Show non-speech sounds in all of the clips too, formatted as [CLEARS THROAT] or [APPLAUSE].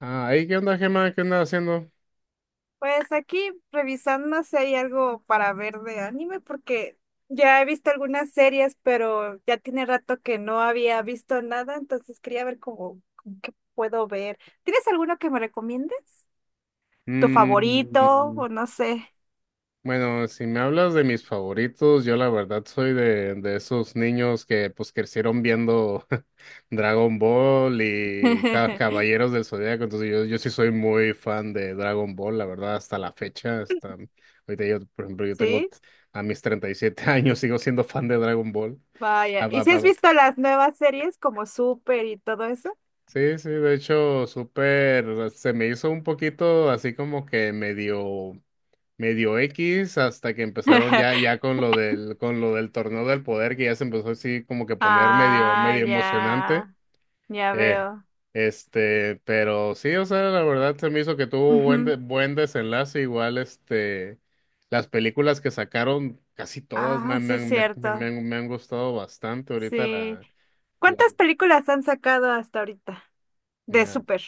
Ah, ahí, ¿qué onda, Gemma? ¿Qué andas haciendo? Pues aquí revisando si hay algo para ver de anime, porque ya he visto algunas series, pero ya tiene rato que no había visto nada, entonces quería ver cómo qué puedo ver. ¿Tienes alguno que me recomiendes? ¿Tu favorito? Mm, O no sé. bueno, si me hablas de mis favoritos, yo la verdad soy de esos niños que pues crecieron viendo [LAUGHS] Dragon Ball y [LAUGHS] Caballeros del Zodíaco, entonces yo sí soy muy fan de Dragon Ball, la verdad, hasta la fecha, hasta ahorita yo, por ejemplo, ¿Sí? A mis 37 [LAUGHS] años, sigo siendo fan de Dragon Ball. Vaya. Ah, ¿Y va, si va, has va. visto las nuevas series como Super y todo eso? Sí, sí, de hecho, súper, se me hizo un poquito así como que medio. Medio X hasta que empezaron ya, [LAUGHS] ya con lo del torneo del poder, que ya se empezó así como que poner medio, Ah, medio emocionante. ya, ya Eh, veo. este, pero sí, o sea, la verdad se me hizo que tuvo Ujú. Buen desenlace. Igual, este, las películas que sacaron, casi todas me, Ah, han- me, sí, es han- me, cierto. Me han gustado bastante. Ahorita Sí. La, ¿Cuántas películas han sacado hasta ahorita de mira, Super?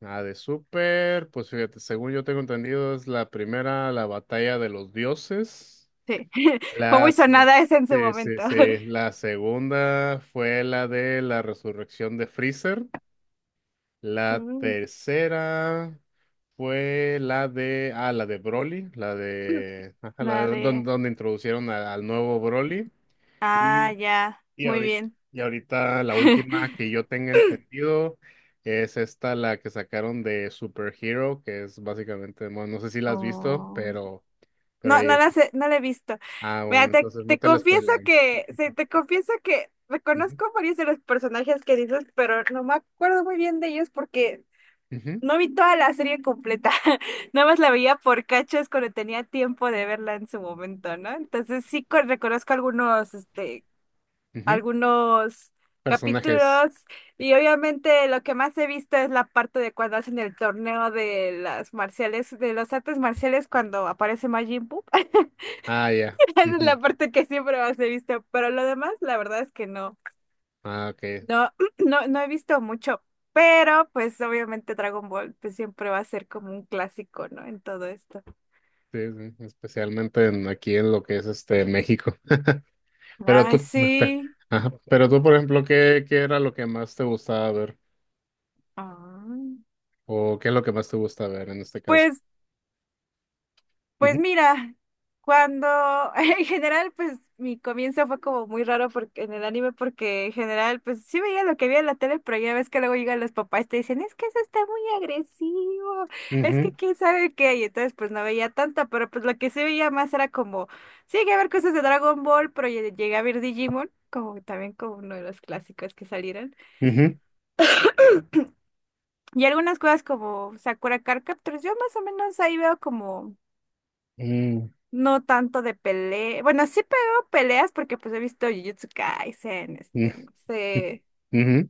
la de Super, pues fíjate, según yo tengo entendido, es la primera, la batalla de los dioses. Sí, [LAUGHS] fue muy Las, la, sonada esa en su sí, sí, momento. sí. [LAUGHS] La segunda fue la de la resurrección de Freezer. La Mm. tercera fue la de, la de Broly, la de, ajá, la de Nada donde, de... donde introducieron al nuevo Broly. Ah, Y, ya, y muy ahorita, bien. y ahorita la última que [LAUGHS] yo tenga entendido es esta, la que sacaron de Super Hero, que es básicamente, bueno, no sé si la has visto, Oh, pero no, ahí no es. las he, no la he visto. Ah, Mira, bueno, te, entonces no te te la confieso spoileo. que, sí, te confieso que Ujú, reconozco varios de los personajes que dices, pero no me acuerdo muy bien de ellos porque ujú. no vi toda la serie completa, [LAUGHS] nada más la veía por cachos cuando tenía tiempo de verla en su momento, ¿no? Entonces sí co- reconozco algunos, este, Ujú. algunos Personajes. capítulos y obviamente lo que más he visto es la parte de cuando hacen el torneo de las marciales, de los artes marciales cuando aparece Majin Buu. [LAUGHS] Ah, ya. Esa es la Ujú. parte que siempre más he visto, pero lo demás la verdad es que no. Ah, ok. No, [CLEARS THROAT] no, no he visto mucho, pero pues obviamente Dragon Ball pues siempre va a ser como un clásico, ¿no? En todo esto. Sí, sí, especialmente aquí en lo que es este México. [LAUGHS] Pero Ay, tú, [LAUGHS] sí. ajá. Pero tú, por ejemplo, ¿qué era lo que más te gustaba ver? Ah. ¿O qué es lo que más te gusta ver en este caso? Pues. Ujú, Pues mira, cuando [LAUGHS] en general, pues mi comienzo fue como muy raro porque en el anime, porque en general, pues sí veía lo que veía en la tele, pero ya ves que luego llegan los papás y te dicen, es que eso está muy agresivo, es ujú, que quién sabe qué, y entonces pues no veía tanto, pero pues lo que sí veía más era como, sí llegué a ver cosas de Dragon Ball, pero llegué a ver Digimon, como también como uno de los clásicos que salieron, ujú, y algunas cosas como Sakura Card Captors, yo más o menos ahí veo como mm, no tanto de pelea. Bueno, sí pero peleas porque pues he visto Jujutsu Kaisen, mm, este, no [LAUGHS] sé. ujú.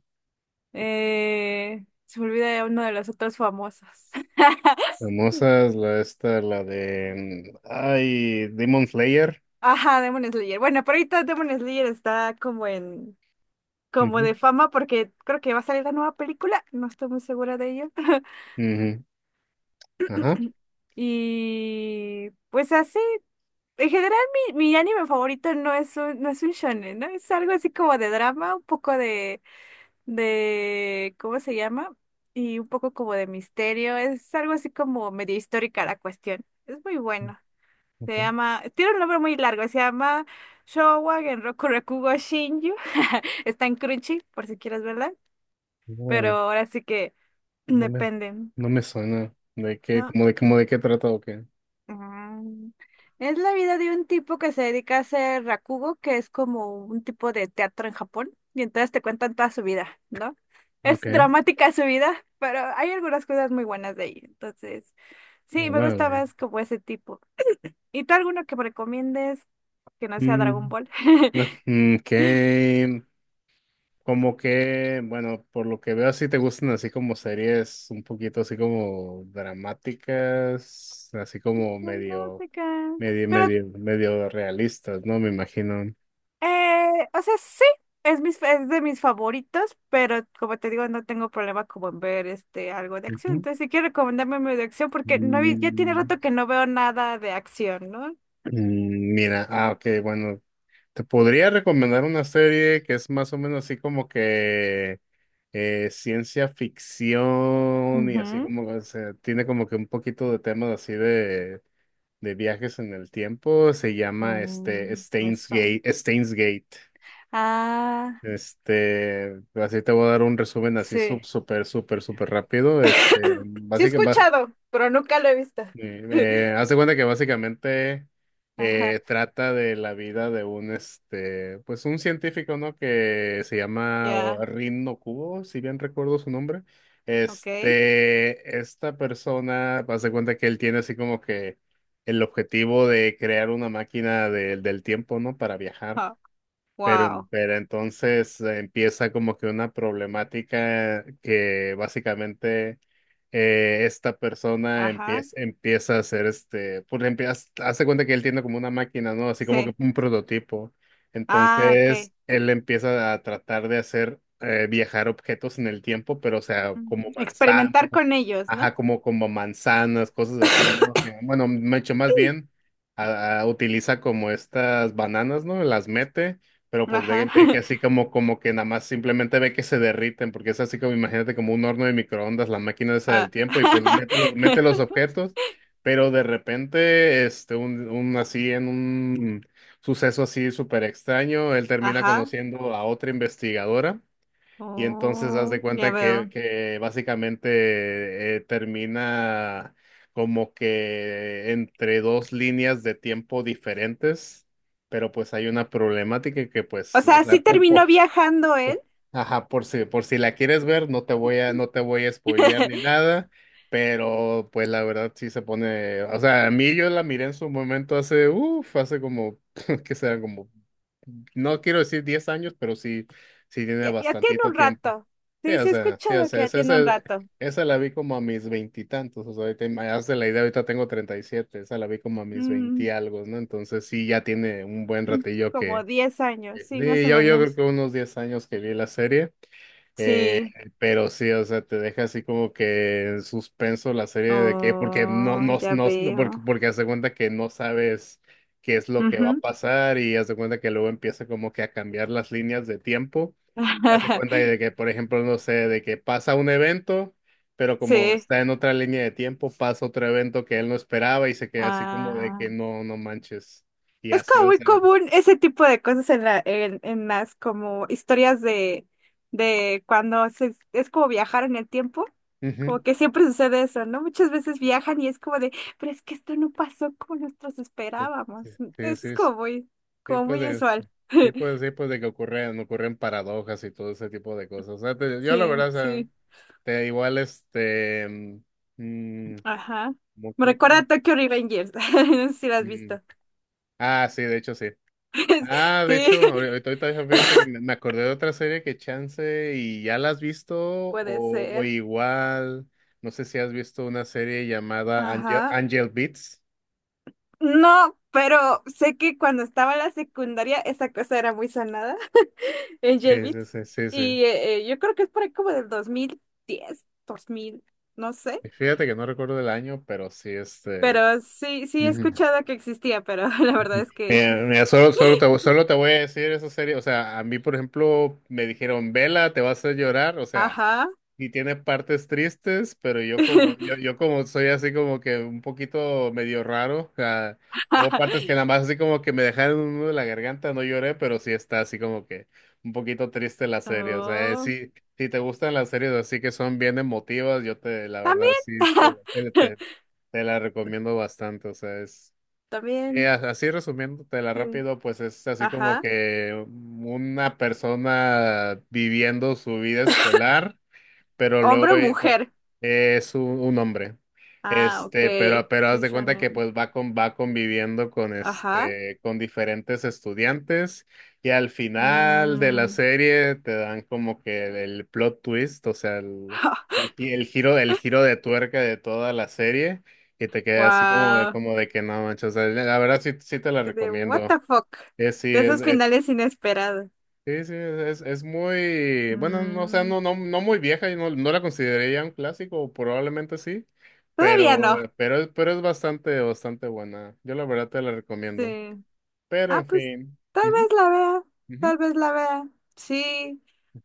Se me olvida ya uno de los otros famosos. [LAUGHS] Famosa es la esta, la de ay, Demon Slayer. Ajá, Demon Slayer. Bueno, pero ahorita Demon Slayer está como en, como Ujú, de fama porque creo que va a salir la nueva película. No estoy muy segura de ello. [LAUGHS] ujú. Ajá. Y pues así, en general mi anime favorito no es un, no es un shonen, ¿no? Es algo así como de drama, un poco de, ¿cómo se llama? Y un poco como de misterio, es algo así como medio histórica la cuestión. Es muy bueno. Se llama, tiene un nombre muy largo, se llama Showa Genroku Rakugo Shinju. [LAUGHS] Está en Crunchy, por si quieres verla, pero Ok. ahora sí que [CLEARS THROAT] No me, depende, no me suena. ¿De qué? ¿no? ¿Cómo de qué trata o qué? Ah, es la vida de un tipo que se dedica a hacer rakugo, que es como un tipo de teatro en Japón, y entonces te cuentan toda su vida, ¿no? Es Ok. dramática su vida, pero hay algunas cosas muy buenas de ahí. Entonces, sí, me gusta Órale. más como ese tipo. ¿Y tú alguno que me recomiendes que no sea Dragon Mm, Ball? [LAUGHS] No, [LAUGHS] como que, bueno, por lo que veo, así te gustan así como series un poquito así como dramáticas, así como medio, Dramática. medio, Pero medio, medio realistas, ¿no? Me imagino. O sea, sí, es, mis, es de mis favoritos, pero como te digo, no tengo problema como en ver este algo de acción. Ujú. Entonces, si quieres recomendarme medio de acción, porque no, vi- ya tiene Mm, rato que no veo nada de acción, ¿no? Mira, ok, bueno, te podría recomendar una serie que es más o menos así como que ciencia ficción y así Ujú. como que tiene como que un poquito de temas así de viajes en el tiempo. Se llama este Mm, me Steins suena. Gate, Steins Gate. Ah, Este, así te voy a dar un resumen así sí. súper, súper, súper [COUGHS] rápido. Este, [CLEARS THROAT] Sí he básicamente, escuchado, pero nunca lo he visto. [LAUGHS] Hace cuenta que básicamente Ajá, trata de la vida de un pues un científico, ¿no? Que se llama ya, Rin no Kubo, si bien recuerdo su nombre. ok. Este, esta persona, hace cuenta que él tiene así como que el objetivo de crear una máquina del tiempo, ¿no? Para viajar. Ja, Pero, wow, pero entonces empieza como que una problemática que básicamente esta persona ajá, empieza a hacer pues empieza, hace cuenta que él tiene como una máquina, ¿no? Así como que sí. un prototipo. Ah, Entonces ok. él empieza a tratar de hacer viajar objetos en el tiempo, pero o sea, como Ujú. manza Experimentar con ellos, ¿no? ajá, como manzanas, cosas así, ¿no? [LAUGHS] Bueno, mucho más bien utiliza como estas bananas, ¿no? Las mete, pero pues Ajá. ve que así como que nada más simplemente ve que se derriten, porque es así como, imagínate, como un horno de microondas, la máquina esa del Ah. tiempo, y pues mete los [LAUGHS] objetos, pero de repente, este, un así en un suceso así súper extraño, él termina Ajá. conociendo a otra investigadora y entonces haz de Oh, ya cuenta que, veo. que básicamente termina como que entre dos líneas de tiempo diferentes, pero pues hay una problemática que O pues, o sea, sí sea, terminó viajando él. po- ajá, por si la quieres ver, no te voy a spoilear ni [LAUGHS] nada, pero pues la verdad sí se pone, o sea, a mí yo la miré en su momento hace, uff, hace como, [LAUGHS] que será como, no quiero decir 10 años, pero sí, sí tiene Ya, ya tiene bastantito un tiempo. rato. Sí, sí he Sí, o escuchado sea, que ya esa, esa, tiene un rato. esa la vi como a mis veintitantos, o sea, ahorita, hazte la idea, ahorita tengo 37, esa la vi como a mis veinti Mm, algo, ¿no? Entonces sí, ya tiene un buen [CLEARS THROAT] ratillo como que, 10 años, que- sí, más sí, o yo creo menos. que unos 10 años que vi la serie, eh, Sí. pero sí, o sea, te deja así como que en suspenso la serie de que, porque no, Oh, no, ya no, no- porque, veo. porque haz de cuenta que no sabes qué es lo que va a Ujú. pasar y haz de cuenta que luego empieza como que a cambiar las líneas de tiempo y haz de cuenta de que, [LAUGHS] por ejemplo, no sé, de que pasa un evento, pero como Sí. está en otra línea de tiempo, pasa otro evento que él no esperaba y se queda así como de Ah. que no, no manches. Y Es así, como o muy sea. común ese tipo de cosas en la, en las como historias de cuando se, es como viajar en el tiempo. Como Ujú. que siempre sucede eso, ¿no? Muchas veces viajan y es como de, pero es que esto no pasó como nosotros esperábamos. Sí, sí, Eso es sí. Sí, sí, como pues muy de, usual. [LAUGHS] Sí, pues de que ocurren paradojas y todo ese tipo de cosas. O sea, yo la Sí, verdad, o sea, sí. te igual este, mm, mm, Ajá. ¿cómo Me que recuerda otra? a Tokyo Revengers. [LAUGHS] No sé si lo has Mm, visto. ah, sí, de hecho sí. [LAUGHS] Ah, de Sí, hecho, ahorita fíjate que me acordé de otra serie que chance y ya la has visto puede o ser. igual, no sé si has visto una serie llamada Angel, Ajá. Angel Beats. No, pero sé que cuando estaba en la secundaria esa cosa era muy sonada [LAUGHS] en Sí, sí, Beats. sí, sí, sí. Y yo creo que es por ahí como del 2010 2000 no sé. Y fíjate que no recuerdo el año, pero sí, este. Pero sí, sí he Ujú. escuchado que existía, pero [LAUGHS] la verdad es que... Mira, mira, solo te voy a decir eso serio. O sea, a mí, por ejemplo, me dijeron, vela, te vas a hacer llorar. O sea, Ajá. y tiene partes tristes, pero yo como, yo, [LAUGHS] yo como soy así como que un poquito medio raro. O sea, hubo partes que nada más así como que me dejaron un nudo en la garganta, no lloré, pero sí está así como que un poquito triste la serie. O sea, Oh, sí, si te gustan las series así que son bien emotivas, la también. verdad, sí, te, te, te- te la recomiendo bastante. O sea, es. [LAUGHS] Y También, así resumiéndotela sí. rápido, pues es así como Ajá. que una persona viviendo su vida escolar pero ¿Hombre luego o mujer? Es un hombre. Ah, ok. Este, pero haz Soy de cuenta que shonen. pues va conviviendo con Ajá. este, con diferentes estudiantes, y al final de la Mm. serie te dan como que el plot twist, o sea, [LAUGHS] el giro, de tuerca de toda la serie, y te queda así como de, Wow. como de que no manches, o sea, la verdad sí, sí te la De what recomiendo. the fuck. Es sí, De es. esos finales inesperados. Sí, sí, es muy, bueno, no, o sea, Mm, no muy vieja y no la consideraría un clásico, probablemente sí, todavía pero, no. Pero es bastante, bastante buena. Yo la verdad te la recomiendo. Sí. Pero Ah, en pues fin. tal Ujú, vez la vea. ujú, Tal vez la vea. Sí.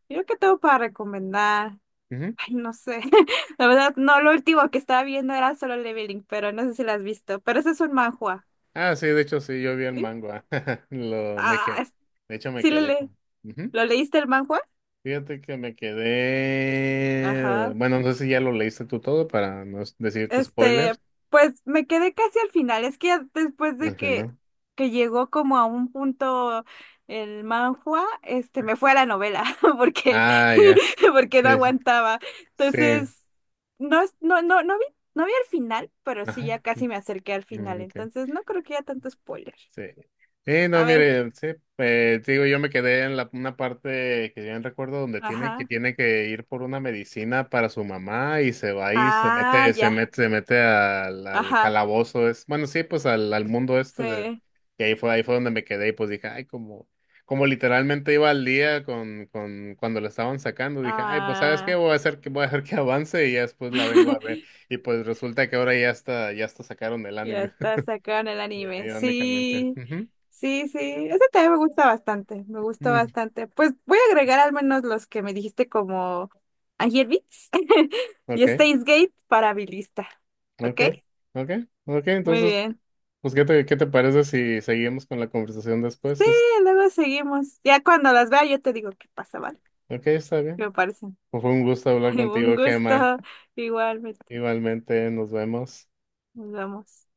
Yo que tengo para recomendar. ujú. Ay, no sé. [LAUGHS] La verdad, no, lo último que estaba viendo era Solo Leveling, pero no sé si la has visto. Pero ese es un manhua. Ah, sí, de hecho sí, yo vi el ¿Sí? manga. [LAUGHS] Me Ah, quedé. es- De hecho me sí le quedé le. con. Ujú. ¿Lo leíste el manhua? Fíjate que me quedé. Ajá. Bueno, no sé si ya lo leíste tú todo para no decirte Este, spoilers pues me quedé casi al final. Es que ya después de al final. que llegó como a un punto el manhua, este, me fue a la novela [LAUGHS] porque, Ah, ya. [LAUGHS] porque no Sí, aguantaba. sí. Entonces, no, es- no, no vi, no vi el final, pero sí Ajá. ya Ujú, casi me acerqué al final. ok, Entonces, no creo que haya tanto spoiler. sí. Sí, no, A ver, mire, sí, te digo, yo me quedé en una parte que bien recuerdo donde tiene que, ajá. tiene que ir por una medicina para su mamá y se va y se Ah, mete, se ya, mete, se mete al ajá. calabozo, es, bueno, sí, pues al mundo este de, Sí. y ahí fue donde me quedé y pues dije, ay, como literalmente iba al día cuando lo estaban sacando, dije, ay, pues, ¿sabes qué? Ah. Voy a hacer que avance y ya después la vengo a ver. [LAUGHS] Y pues resulta que ahora ya está sacaron el Ya anime. está sacado en el Ya, anime. irónicamente. Sí, Ujú. sí, sí. Ese también me gusta bastante. Me gustó Mm. bastante. Pues voy a agregar al menos los que me dijiste como Angel Beats [LAUGHS] y Ok, Steins Gate para mi lista. ¿Ok? ok, ok, ok. Muy Entonces, bien. pues, ¿qué te parece si seguimos con la conversación Sí, después? Es, luego seguimos. Ya cuando las vea yo te digo qué pasa, ¿vale? ok, está ¿Qué bien. me parecen? Pues fue un gusto hablar [LAUGHS] Un contigo, gusto. Gemma. Igualmente. Igualmente, nos vemos. Nos vemos.